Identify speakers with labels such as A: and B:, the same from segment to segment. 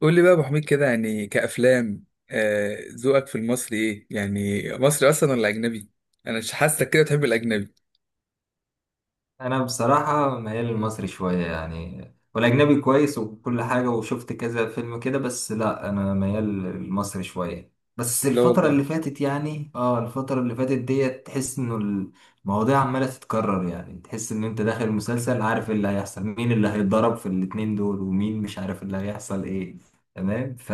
A: قول لي بقى يا ابو حميد كده، يعني كأفلام. ذوقك في المصري ايه؟ يعني مصري اصلا ولا اجنبي؟ انا مش حاسك كده تحب الاجنبي.
B: انا بصراحه ميال للمصري شويه يعني. والاجنبي كويس وكل حاجه، وشفت كذا فيلم كده. بس لا، انا ميال للمصري شويه. بس
A: لا والله.
B: الفتره اللي فاتت ديت، تحس انه المواضيع عماله تتكرر. يعني تحس ان انت داخل مسلسل، عارف اللي هيحصل، مين اللي هيتضرب في الاتنين دول ومين، مش عارف اللي هيحصل ايه. تمام، ف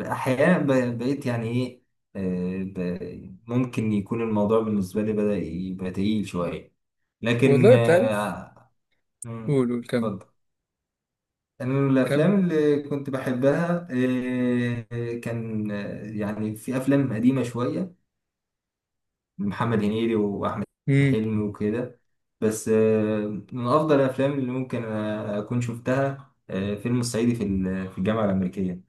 B: احيانا بقيت يعني ايه، ممكن يكون الموضوع بالنسبه لي بدأ يبقى تقيل شويه. لكن
A: والله انت عارف. قول
B: مم،
A: قول كم.
B: اتفضل. انا من
A: كم.
B: الافلام اللي كنت بحبها، كان، يعني في افلام قديمه شويه، محمد هنيدي واحمد
A: امم
B: حلمي وكده. بس من افضل الافلام اللي ممكن اكون شفتها، فيلم الصعيدي في الجامعه الامريكيه.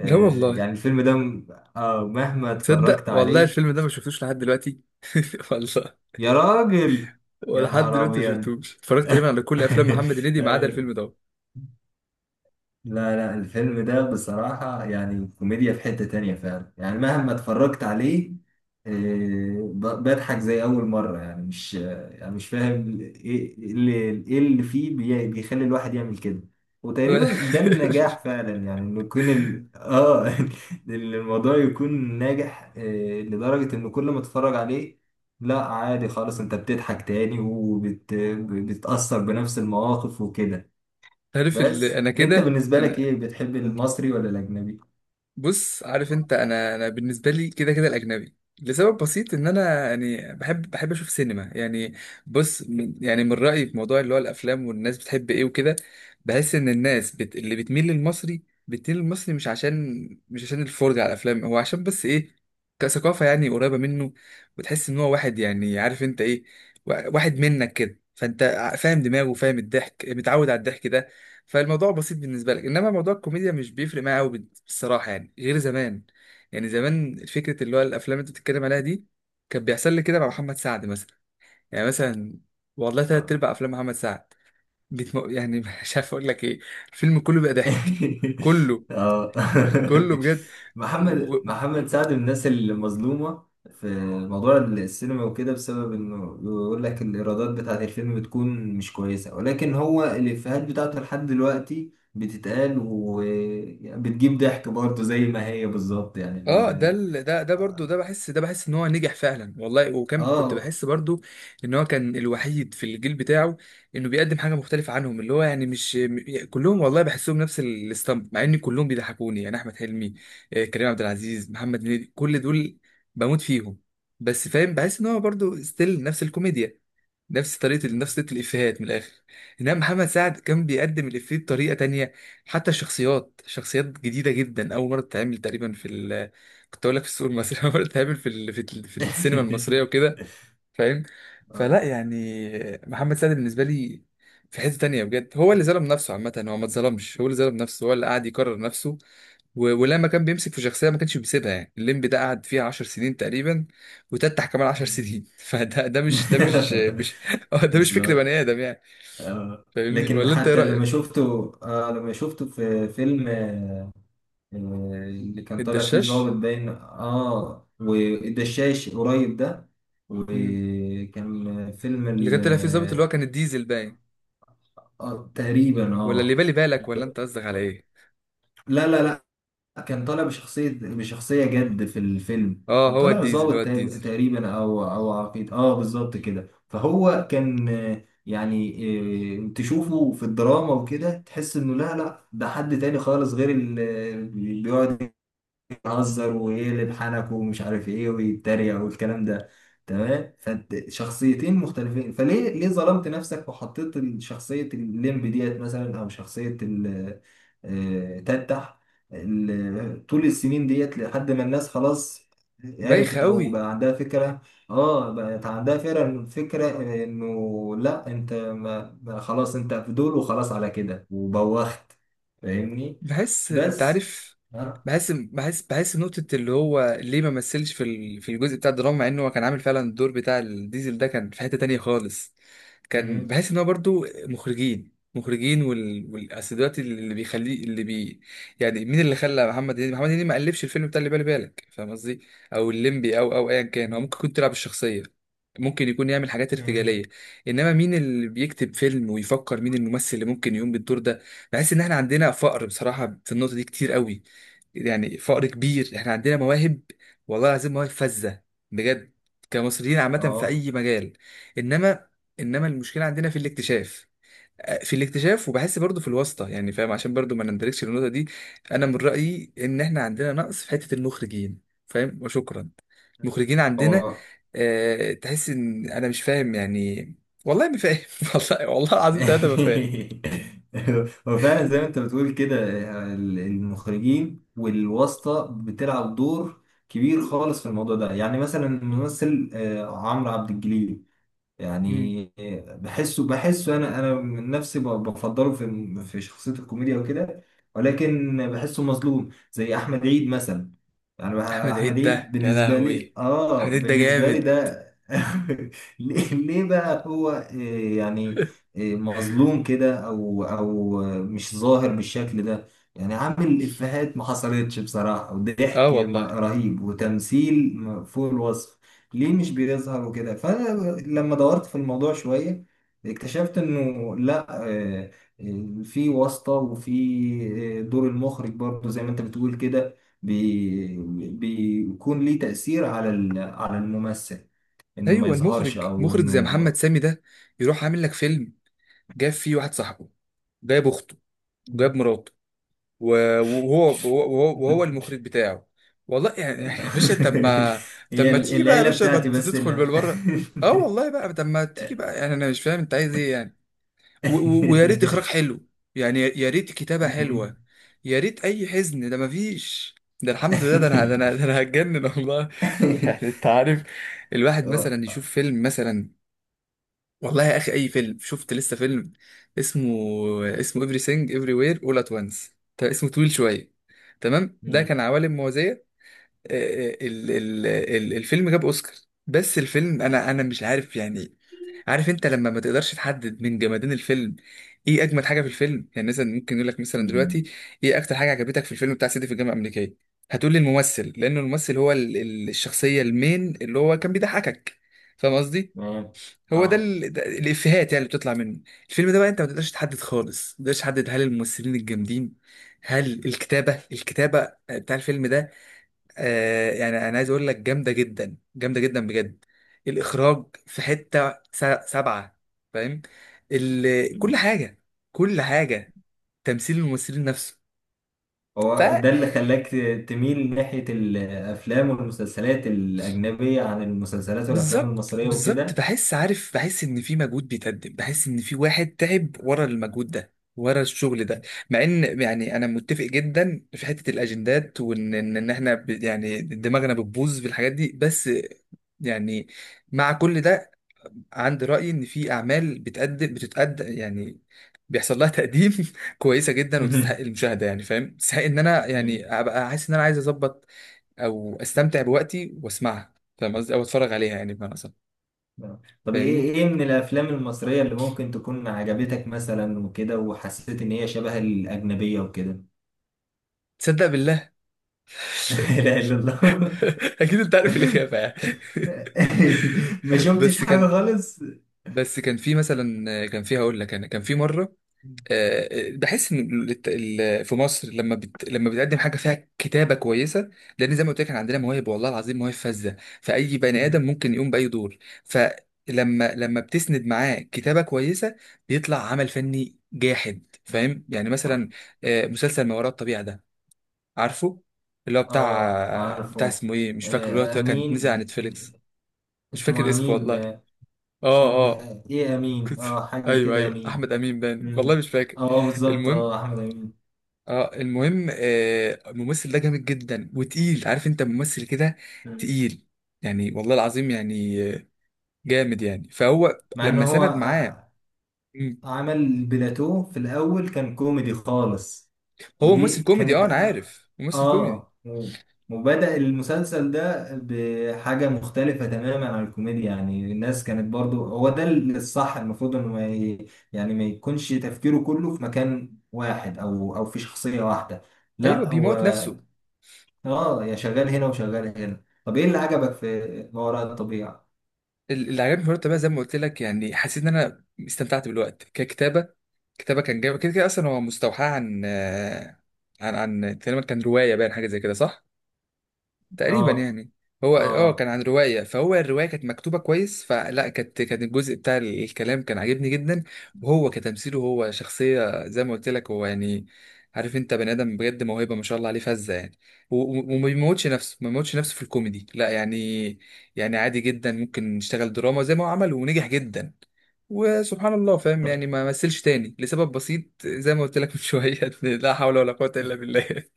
A: لا والله.
B: يعني الفيلم ده مهما
A: تصدق
B: اتفرجت
A: والله
B: عليه.
A: الفيلم ده ما شفتوش لحد دلوقتي. والله.
B: يا راجل، يا
A: ولحد
B: نهار
A: دلوقتي ما
B: ابيض.
A: شفتوش، اتفرجت تقريبا على كل افلام محمد هنيدي ما عدا الفيلم ده.
B: لا لا، الفيلم ده بصراحة يعني كوميديا في حتة تانية فعلا، يعني مهما اتفرجت عليه، بضحك زي أول مرة. يعني مش آه، يعني مش فاهم إيه اللي, إيه اللي فيه بيخلي الواحد يعمل كده. وتقريبا ده النجاح فعلا، يعني إنه يكون ال... آه إن الموضوع يكون ناجح، لدرجة إن كل ما اتفرج عليه. لا عادي خالص، أنت بتضحك تاني وبتأثر بنفس المواقف وكده.
A: عارف،
B: بس
A: انا
B: انت
A: كده
B: بالنسبة لك
A: انا،
B: ايه، بتحب المصري ولا الاجنبي؟
A: بص، عارف انت، انا بالنسبه لي كده كده الاجنبي. لسبب بسيط، ان انا يعني بحب، اشوف سينما يعني. بص، من يعني من رايي في موضوع اللي هو الافلام والناس بتحب ايه وكده، بحس ان الناس اللي بتميل للمصري، بتميل للمصري مش عشان الفرجه على الافلام، هو عشان بس ايه؟ كثقافه، يعني قريبه منه، وتحس ان هو واحد، يعني عارف انت ايه، واحد منك كده، فانت فاهم دماغه، فاهم الضحك، متعود على الضحك ده. فالموضوع بسيط بالنسبه لك، انما موضوع الكوميديا مش بيفرق معايا قوي، بالصراحه، يعني غير زمان. يعني زمان فكره اللي هو الافلام اللي انت بتتكلم عليها دي كان بيحصل لي كده مع محمد سعد مثلا. يعني مثلا والله تلات
B: اه.
A: ارباع افلام محمد سعد يعني مش عارف اقول لك ايه، الفيلم كله بقى ضحك، كله،
B: آه.
A: كله، بجد.
B: محمد سعد من الناس المظلومة في موضوع السينما وكده، بسبب انه بيقول لك الايرادات بتاعت الفيلم بتكون مش كويسة، ولكن هو الافيهات بتاعته لحد دلوقتي بتتقال وبتجيب ضحك برضه زي ما هي بالظبط. يعني
A: اه ده ده برضو، ده بحس ان هو نجح فعلا والله. وكان كنت
B: اه.
A: بحس برضو ان هو كان الوحيد في الجيل بتاعه، انه بيقدم حاجه مختلفه عنهم، اللي هو يعني مش كلهم والله بحسهم نفس الستامب، مع ان كلهم بيضحكوني، يعني احمد حلمي، كريم عبد العزيز، محمد هنيدي، كل دول بموت فيهم. بس فاهم، بحس ان هو برضو ستيل نفس الكوميديا، نفس طريقة الإفيهات من الآخر. إنما محمد سعد كان بيقدم الإفيه بطريقة تانية، حتى الشخصيات، شخصيات جديدة جدا، أول مرة تتعمل تقريبا في ال، كنت أقول لك، في السوق المصري، أول مرة تتعمل في في السينما المصرية وكده. فاهم؟
B: اه.
A: فلا يعني، محمد سعد بالنسبة لي في حتة تانية بجد. هو اللي ظلم نفسه، عامة هو ما اتظلمش، هو اللي ظلم نفسه، هو اللي قاعد يكرر نفسه. ولما كان بيمسك في شخصيه ما كانش بيسيبها، يعني الليمبي ده قعد فيها 10 سنين تقريبا، وتتح كمان 10 سنين. فده ده مش ده مش مش ده مش فكر
B: بالظبط.
A: بني ادم يعني.
B: آه.
A: فاهمني
B: لكن
A: ولا انت ايه
B: حتى
A: رايك؟
B: لما شفته في فيلم، آه، اللي كان طالع فيه ظابط
A: الدشاش.
B: باين، والدشاش قريب ده،
A: مم.
B: وكان فيلم،
A: اللي كان طلع فيه الظابط، اللي
B: ال-
A: هو كان الديزل باين.
B: تقريبا
A: ولا اللي بالي بالك؟ ولا انت قصدك على ايه؟
B: لا لا، كان طالع بشخصية جد في الفيلم.
A: اه،
B: كان
A: هو
B: طالع
A: الديزل، هو
B: ظابط،
A: الديزل،
B: تقريبا، او عقيد، بالظبط كده. فهو كان، تشوفه في الدراما وكده، تحس انه لا لا، ده حد تاني خالص، غير اللي بيقعد يهزر ويقلب حنك ومش عارف ايه ويتريق والكلام ده. تمام، فانت شخصيتين مختلفين. فليه، ليه ظلمت نفسك وحطيت شخصية الليمب ديت مثلا، او شخصية ال- آه، تتح ال- طول السنين ديت لحد ما الناس خلاص
A: بايخ
B: عرفت او
A: قوي.
B: بقى عندها فكرة، اه، بقت عندها فكرة انه لا، انت ما خلاص انت في دول، وخلاص على كده وبوخت. فاهمني؟
A: بحس، انت
B: بس
A: عارف،
B: ها.
A: بحس نقطة اللي هو ليه ما مثلش في في الجزء بتاع الدراما، مع انه هو كان عامل فعلا الدور بتاع الديزل ده، كان في حتة تانية خالص. كان بحس ان هو برضو مخرجين، والأصل دلوقتي اللي بيخليه، اللي بي، يعني مين اللي خلى محمد هنيدي محمد هنيدي؟ ما قلبش الفيلم بتاع اللي بالي بالك، فاهم قصدي؟ او الليمبي، او ايا كان، هو ممكن
B: مم.
A: يكون تلعب الشخصية، ممكن يكون يعمل حاجات
B: مم.
A: ارتجالية، انما مين اللي بيكتب فيلم ويفكر مين الممثل اللي ممكن يقوم بالدور ده؟ بحس ان احنا عندنا فقر بصراحه في النقطه دي كتير قوي، يعني فقر كبير. احنا عندنا مواهب، والله العظيم مواهب فذه، بجد، كمصريين عامه في
B: اه
A: اي مجال، انما انما المشكله عندنا في الاكتشاف، في الاكتشاف، وبحس برضو في الواسطه، يعني فاهم، عشان برضو ما نندركش النقطه دي. انا من رايي ان احنا عندنا نقص في حته المخرجين، فاهم؟ وشكرا. المخرجين عندنا،
B: هو.
A: أه، تحس ان انا مش فاهم يعني، والله ما فاهم. والله، والله العظيم ثلاثه ما فاهم.
B: هو فعلا زي ما انت بتقول كده، المخرجين والواسطة بتلعب دور كبير خالص في الموضوع ده. يعني مثلا الممثل عمرو عبد الجليل، يعني بحسه انا من نفسي بفضله في شخصيه الكوميديا وكده. ولكن بحسه مظلوم زي احمد عيد مثلا. يعني
A: احمد
B: احمد
A: عيد
B: عيد
A: ده يا لهوي، احمد عيد ده
B: بالنسبه لي
A: جامد،
B: ده. ليه بقى هو، يعني مظلوم كده، او، مش ظاهر بالشكل ده. يعني عامل افيهات ما حصلتش بصراحه،
A: اه
B: وضحك
A: والله.
B: رهيب، وتمثيل فوق الوصف. ليه مش بيظهر وكده؟ فانا لما دورت في الموضوع شويه، اكتشفت انه لا، في واسطه، وفي دور المخرج برضه زي ما انت بتقول كده. بي- بيكون ليه تاثير على على الممثل، انه ما
A: ايوه،
B: يظهرش،
A: المخرج
B: او
A: مخرج زي محمد
B: انه.
A: سامي ده، يروح عامل لك فيلم جاب فيه واحد صاحبه، جايب اخته، وجايب مراته، وهو المخرج بتاعه. والله يعني يعني يا باشا، طب ما، طب
B: هي
A: ما تيجي بقى يا
B: العيله
A: باشا بقى
B: بتاعتي، بس
A: تدخل
B: لا.
A: بالبره. اه والله بقى، طب ما تيجي بقى، يعني انا مش فاهم انت عايز ايه يعني. ويا ريت اخراج حلو، يعني يا ريت كتابة حلوة، يا ريت. اي حزن ده؟ مفيش. ده الحمد لله، ده انا، ده انا هتجنن والله. يعني انت عارف، الواحد مثلا يشوف فيلم مثلا، والله يا اخي اي فيلم. شفت لسه فيلم اسمه، اسمه everything everywhere all at once. ده اسمه طويل شوية. تمام، ده كان عوالم موازية. آه، الفيلم جاب اوسكار. بس الفيلم، انا مش عارف يعني. عارف انت لما ما تقدرش تحدد من جمادين الفيلم ايه اجمد حاجه في الفيلم؟ يعني مثلا ممكن يقول لك مثلا دلوقتي ايه اكتر حاجه عجبتك في الفيلم بتاع سيدي في الجامعه الامريكيه، هتقول لي الممثل، لان الممثل هو الشخصيه المين، اللي هو كان بيضحكك، فاهم قصدي؟
B: تمام.
A: هو ده
B: اه.
A: ده الافيهات يعني اللي بتطلع منه. الفيلم ده بقى انت ما تقدرش تحدد خالص، ما تقدرش تحدد هل الممثلين الجامدين، هل الكتابه بتاع الفيلم ده، آه يعني انا عايز اقول لك جامده جدا، جامده جدا بجد. الاخراج في حته سبعه، فاهم، كل
B: مم.
A: حاجه، كل حاجه، تمثيل الممثلين نفسه. ف،
B: هو ده اللي خلاك تميل ناحية الأفلام والمسلسلات الأجنبية عن المسلسلات والأفلام
A: بالظبط
B: المصرية
A: بالظبط،
B: وكده؟
A: بحس، عارف، بحس ان في مجهود بيتقدم، بحس ان في واحد تعب ورا المجهود ده، ورا الشغل ده. مع ان يعني انا متفق جدا في حته الاجندات، وان إن احنا يعني دماغنا بتبوظ في الحاجات دي، بس يعني، مع كل ده، عندي رأي إن في أعمال بتتقدم، يعني بيحصل لها تقديم، كويسة جدا
B: مم.
A: وتستحق المشاهدة، يعني فاهم، تستحق إن أنا
B: مم.
A: يعني أبقى حاسس إن أنا عايز أظبط أو أستمتع بوقتي وأسمعها، فاهم قصدي، أو أتفرج عليها يعني، بمعنى أصح.
B: آه. طب
A: فاهمني؟
B: إيه من الأفلام المصرية اللي ممكن تكون عجبتك مثلا وكده، وحسيت إن هي شبه الأجنبية وكده؟
A: تصدق بالله،
B: لا إله إلا الله.
A: أكيد أنت عارف الإجابة يعني.
B: ما شفتش
A: بس
B: حاجة
A: كان،
B: خالص.
A: بس كان في مثلا، كان في، هقول لك، أنا كان في مرة، بحس ان في مصر لما لما بتقدم حاجه فيها كتابه كويسه، لان زي ما قلت لك، احنا عندنا مواهب، والله العظيم مواهب فذه، فاي بني ادم
B: مم.
A: ممكن يقوم باي دور، لما بتسند معاه كتابه كويسه، بيطلع عمل فني جاحد،
B: مم.
A: فاهم يعني؟
B: آه
A: مثلا مسلسل ما وراء الطبيعه ده، عارفه، اللي هو بتاع
B: عارفه.
A: اسمه ايه، مش فاكره، اللي هو كان
B: أمين.
A: نزل على نتفليكس. مش فاكر
B: اسمه
A: اسمه
B: أمين.
A: والله.
B: مش عارف
A: اه، اه
B: ايه، إيه امين،
A: كنت،
B: حاجه
A: ايوه
B: كده،
A: ايوه،
B: امين.
A: احمد امين باين، والله
B: مم.
A: مش فاكر.
B: اه، بالظبط.
A: المهم،
B: اه احمد امين.
A: اه المهم، الممثل ده جامد جدا وتقيل، عارف انت ممثل كده
B: مم.
A: تقيل، يعني والله العظيم يعني، جامد يعني، فهو
B: مع ان
A: لما
B: هو
A: سند معاه، مم،
B: عمل بلاتو في الاول، كان كوميدي خالص.
A: هو
B: ودي
A: ممثل كوميدي، اه
B: كانت
A: انا عارف ممثل كوميدي،
B: آه. مم. وبدأ المسلسل ده بحاجة مختلفة تماما عن الكوميديا. يعني الناس كانت برضو، هو ده الصح، المفروض انه ما ي... يعني ما يكونش تفكيره كله في مكان واحد، او في شخصية واحدة.
A: ايوه
B: لا،
A: بيموت نفسه.
B: اه، يا شغال هنا وشغال هنا. طب ايه اللي عجبك في ما وراء الطبيعة؟
A: اللي عجبني في الوقت بقى زي ما قلت لك، يعني حسيت ان انا استمتعت بالوقت، ككتابه، كتابه كان جامد، كده كده اصلا هو مستوحاه عن عن، عن تقريبا كان روايه باين، حاجه زي كده صح؟ تقريبا
B: اه.
A: يعني. هو اه كان
B: اه،
A: عن رواية، فهو الرواية كانت مكتوبة كويس، فلا، كانت، كان الجزء بتاع الكلام كان عاجبني جدا. وهو كتمثيله، هو شخصية زي ما قلت لك، هو يعني، عارف انت، بني ادم بجد موهبة ما شاء الله عليه، فذة يعني. وما بيموتش نفسه، ما بيموتش نفسه في الكوميدي، لا يعني، يعني عادي جدا ممكن يشتغل دراما زي ما هو عمل ونجح جدا، وسبحان الله، فاهم
B: طب.
A: يعني. ما مثلش تاني لسبب بسيط زي ما قلت لك من شوية. لا حول ولا قوة إلا بالله.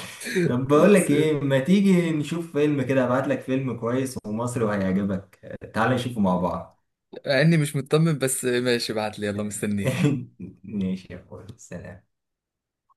B: طب، بقول
A: بس
B: لك ايه،
A: يعني.
B: ما تيجي نشوف فيلم كده؟ ابعت لك فيلم كويس ومصري وهيعجبك. تعال نشوفه مع بعض.
A: مع اني مش مطمن، بس ماشي، ابعت لي، يلا مستنيك.
B: ماشي يا اخويا، سلام.